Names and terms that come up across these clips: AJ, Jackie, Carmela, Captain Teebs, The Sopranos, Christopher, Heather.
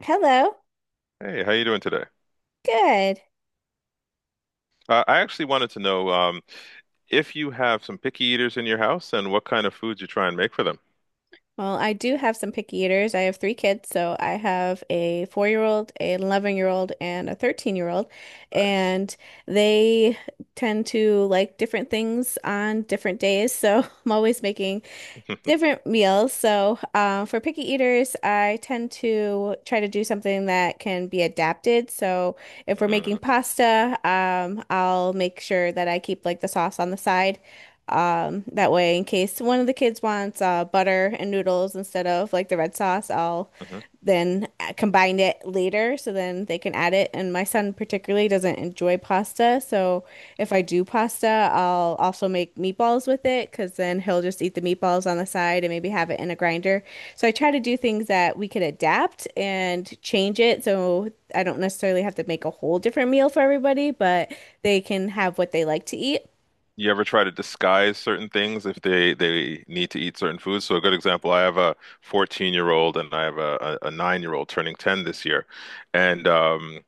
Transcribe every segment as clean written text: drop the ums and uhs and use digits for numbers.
Hello. Hey, how you doing today? Good. I actually wanted to know if you have some picky eaters in your house and what kind of foods you try and make for them. Well, I do have some picky eaters. I have three kids, so I have a four-year-old, an 11-year-old, and a 13-year-old, Nice. and they tend to like different things on different days. So I'm always making different meals. So, for picky eaters, I tend to try to do something that can be adapted. So, if we're making pasta, I'll make sure that I keep like the sauce on the side. That way, in case one of the kids wants butter and noodles instead of like the red sauce, I'll Mhm. then combine it later so then they can add it. And my son particularly doesn't enjoy pasta, so if I do pasta, I'll also make meatballs with it because then he'll just eat the meatballs on the side and maybe have it in a grinder. So I try to do things that we could adapt and change it so I don't necessarily have to make a whole different meal for everybody, but they can have what they like to eat. You ever try to disguise certain things if they need to eat certain foods? So a good example, I have a 14-year-old and I have a, a, 9 year old turning 10 this year, and um,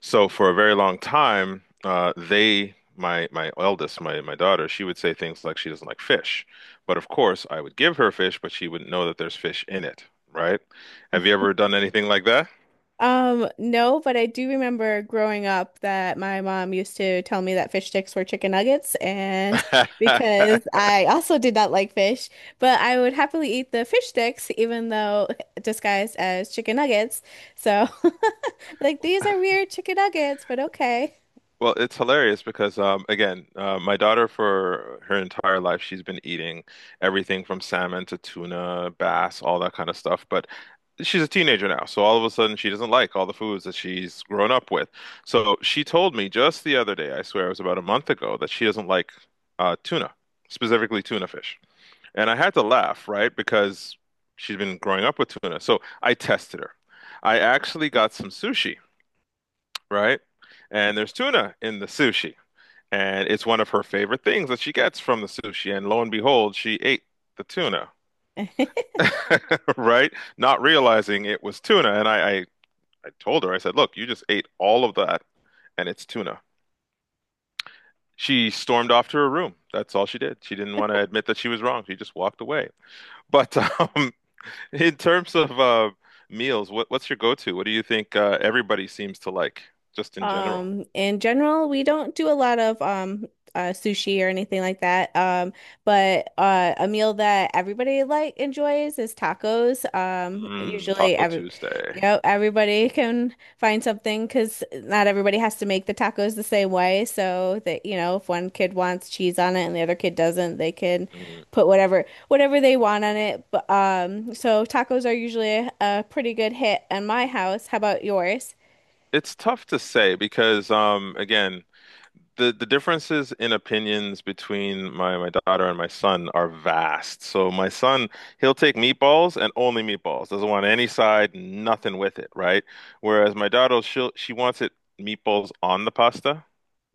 So for a very long time, my eldest, my daughter, she would say things like she doesn't like fish, but of course I would give her fish, but she wouldn't know that there's fish in it, right? Have you ever done anything like that? No, but I do remember growing up that my mom used to tell me that fish sticks were chicken nuggets, and because I also did not like fish, but I would happily eat the fish sticks even though disguised as chicken nuggets. So, like these are weird chicken nuggets, but okay. Well, it's hilarious because again, my daughter for her entire life she's been eating everything from salmon to tuna, bass, all that kind of stuff. But she's a teenager now, so all of a sudden she doesn't like all the foods that she's grown up with. So she told me just the other day, I swear it was about a month ago, that she doesn't like tuna, specifically tuna fish. And I had to laugh, right? Because she's been growing up with tuna. So I tested her. I actually got some sushi, right? And there's tuna in the sushi. And it's one of her favorite things that she gets from the sushi. And lo and behold, she ate the tuna, right? Not realizing it was tuna. And I told her, I said, look, you just ate all of that and it's tuna. She stormed off to her room. That's all she did. She didn't want to admit that she was wrong. She just walked away. But in terms of meals, what's your go-to? What do you think everybody seems to like, just in general? In general, we don't do a lot of sushi or anything like that. But a meal that everybody like enjoys is tacos. Mm, Usually Taco every Tuesday. Everybody can find something because not everybody has to make the tacos the same way. So that, if one kid wants cheese on it and the other kid doesn't, they can Mm. put whatever they want on it. But so tacos are usually a pretty good hit in my house. How about yours? It's tough to say because, again, the differences in opinions between my daughter and my son are vast. So my son, he'll take meatballs and only meatballs. Doesn't want any side, nothing with it, right? Whereas my daughter, she wants it meatballs on the pasta.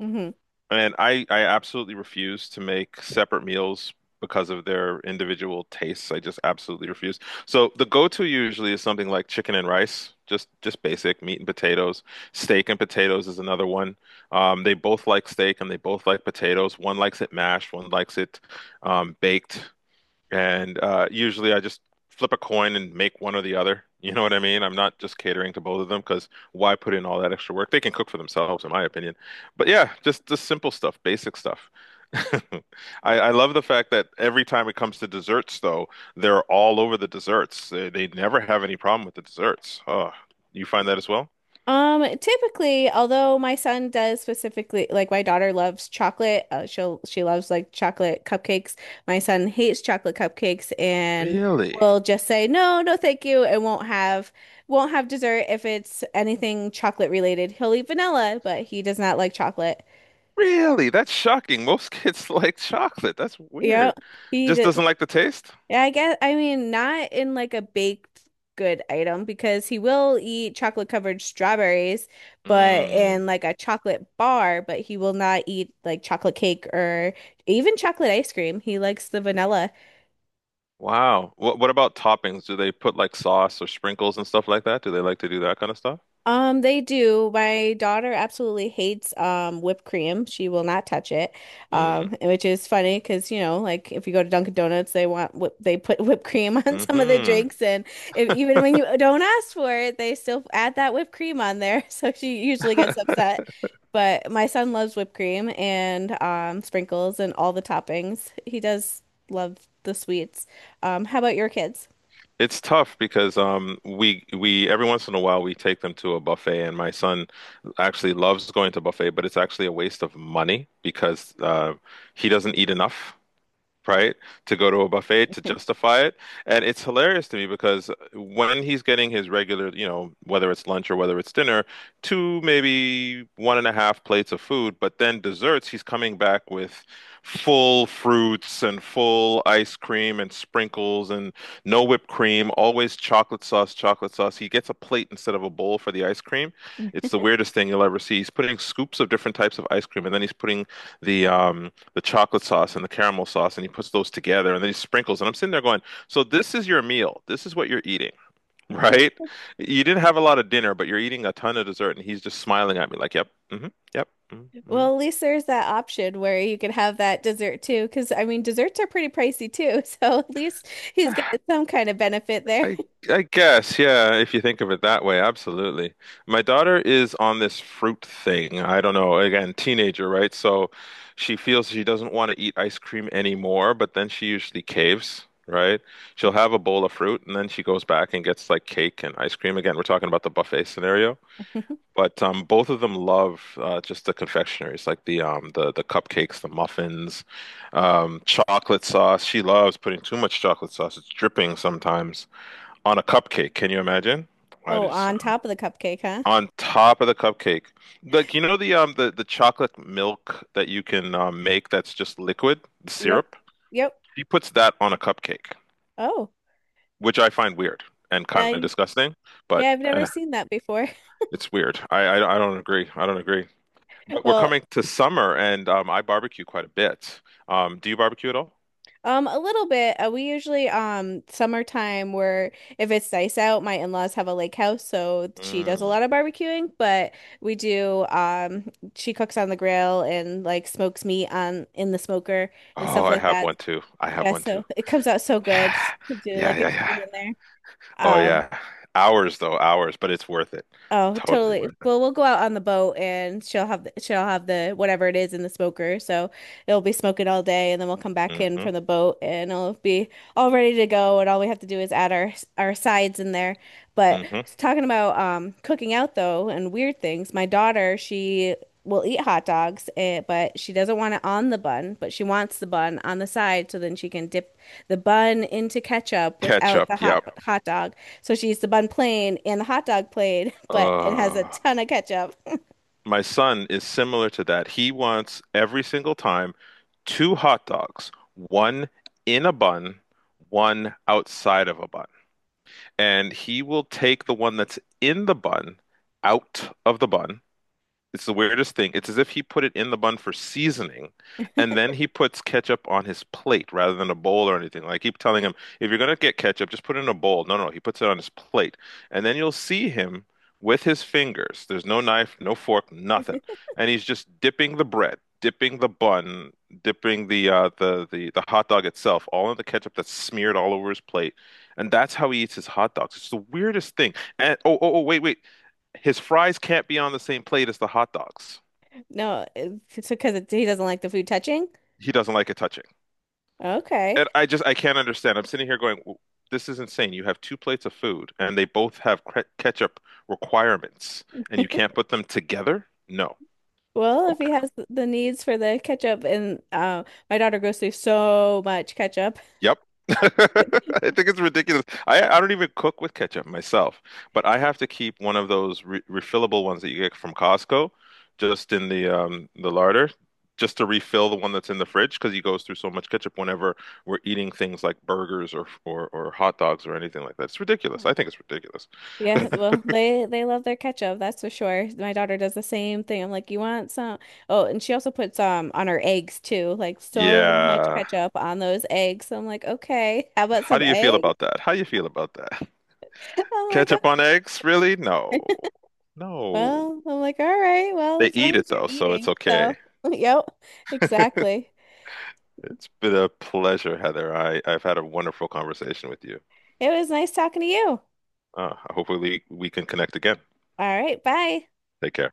Mm-hmm. And I absolutely refuse to make separate meals because of their individual tastes. I just absolutely refuse. So the go-to usually is something like chicken and rice, just basic meat and potatoes. Steak and potatoes is another one. They both like steak and they both like potatoes. One likes it mashed, one likes it baked. And usually I just flip a coin and make one or the other. You know what I mean? I'm not just catering to both of them because why put in all that extra work? They can cook for themselves, in my opinion. But yeah, just the simple stuff, basic stuff. I, I love the fact that every time it comes to desserts, though, they're all over the desserts. They never have any problem with the desserts. Oh, you find that as well? Typically, although my son does specifically like my daughter loves chocolate, she'll she loves like chocolate cupcakes. My son hates chocolate cupcakes and Really? will just say no, no, thank you, and won't have dessert if it's anything chocolate related. He'll eat vanilla, but he does not like chocolate. Really? That's shocking. Most kids like chocolate. That's Yeah, weird. he Just does. doesn't like the taste? Yeah, I guess I mean not in like a baked good item because he will eat chocolate covered strawberries, but Mm. in like a chocolate bar, but he will not eat like chocolate cake or even chocolate ice cream. He likes the vanilla. Wow. What about toppings? Do they put like sauce or sprinkles and stuff like that? Do they like to do that kind of stuff? They do. My daughter absolutely hates whipped cream. She will not touch it. Mm. And which is funny because, you know, like if you go to Dunkin' Donuts, they want whip they put whipped cream on some of the Hmm. drinks and if even when you don't ask for it, they still add that whipped cream on there. So she usually gets upset. But my son loves whipped cream and sprinkles and all the toppings. He does love the sweets. How about your kids? It's tough because we every once in a while we take them to a buffet and my son actually loves going to buffet, but it's actually a waste of money because he doesn't eat enough, right? To go to a buffet to justify it. And it's hilarious to me because when he's getting his regular, you know, whether it's lunch or whether it's dinner, two, maybe one and a half plates of food, but then desserts, he's coming back with full fruits and full ice cream and sprinkles and no whipped cream, always chocolate sauce, chocolate sauce. He gets a plate instead of a bowl for the ice cream. It's the weirdest thing you'll ever see. He's putting scoops of different types of ice cream and then he's putting the um the chocolate sauce and the caramel sauce, and he puts those together and then he sprinkles. And I'm sitting there going, so this is your meal. This is what you're eating, right? You didn't have a lot of dinner, but you're eating a ton of dessert, and he's just smiling at me like, yep, hmm yep, mm-hmm. Well, at least there's that option where you could have that dessert too, because I mean, desserts are pretty pricey too. So at least he's got Mm-hmm. some kind of benefit there. I I guess, yeah, if you think of it that way, absolutely. My daughter is on this fruit thing. I don't know, again, teenager, right? So she feels she doesn't want to eat ice cream anymore, but then she usually caves, right? She'll have a bowl of fruit and then she goes back and gets like cake and ice cream. Again, we're talking about the buffet scenario. But both of them love just the confectioneries, like the cupcakes, the muffins, chocolate sauce. She loves putting too much chocolate sauce. It's dripping sometimes on a cupcake. Can you imagine? I Oh, just on top of the cupcake, huh? On top of the cupcake. Like you know the chocolate milk that you can make that's just liquid, the Yep. syrup. Yep. He puts that on a cupcake, Oh, which I find weird and kind uh, of disgusting, but yeah, I've never eh, seen that before. it's weird. I I don't agree. I don't agree. But we're Well, coming to summer and I barbecue quite a bit. Um, do you barbecue at all? A little bit. We usually summertime where if it's nice out, my in-laws have a lake house, so she does a Mm. lot of barbecuing, but we do she cooks on the grill and like smokes meat on in the smoker and Oh, stuff I like have that. one too. I have Yeah, one so too. it comes out so good Yeah. to do Yeah, like a yeah, chicken yeah. in there. Oh Um, yeah. Hours though, hours, but it's worth it. Oh, Totally totally. worth Well, we'll go out on the boat and she'll have the whatever it is in the smoker. So it'll be smoking all day and then we'll come back it. in Hmm. from the boat and it'll be all ready to go and all we have to do is add our sides in there. But Hmm. talking about cooking out though and weird things, my daughter, she will eat hot dogs, eh, but she doesn't want it on the bun, but she wants the bun on the side so then she can dip the bun into ketchup without Ketchup, the hot yep. hot dog. So she eats the bun plain and the hot dog plain, but it has Uh, a ton of ketchup. my son is similar to that. He wants every single time two hot dogs, one in a bun, one outside of a bun. And he will take the one that's in the bun out of the bun. It's the weirdest thing. It's as if he put it in the bun for seasoning, and then he puts ketchup on his plate rather than a bowl or anything. Like I keep telling him, if you're gonna get ketchup, just put it in a bowl. No, no, he puts it on his plate, and then you'll see him with his fingers. There's no knife, no fork, nothing, and he's just dipping the bread, dipping the bun, dipping the the the hot dog itself, all in the ketchup that's smeared all over his plate, and that's how he eats his hot dogs. It's the weirdest thing. And oh, wait, wait, his fries can't be on the same plate as the hot dogs. No, it's because it, he doesn't like the food touching. He doesn't like it touching. Okay. And I just I can't understand. I'm sitting here going, this is insane. You have two plates of food and they both have ketchup requirements and you can't put them together? No. Well, if he Okay. has the needs for the ketchup and my daughter goes through so much ketchup. Yep. I think it's ridiculous. I don't even cook with ketchup myself, but I have to keep one of those re refillable ones that you get from Costco just in the larder just to refill the one that's in the fridge because he goes through so much ketchup whenever we're eating things like burgers or or hot dogs or anything like that. It's ridiculous. I think it's ridiculous. Yeah, well, they love their ketchup, that's for sure. My daughter does the same thing. I'm like, "You want some?" Oh, and she also puts on her eggs too, like so much Yeah. ketchup on those eggs. I'm like, "Okay, how about How some do you feel egg?" about that? How do you feel about that? I'm like, Ketchup on eggs? Really? No. No. well, I'm like, all right, well, They as long eat it as you're though, so it's eating. So, okay. yep, exactly. It's been a pleasure, Heather. I've had a wonderful conversation with you. It was nice talking to you. Hopefully, we can connect again. All right, bye. Take care.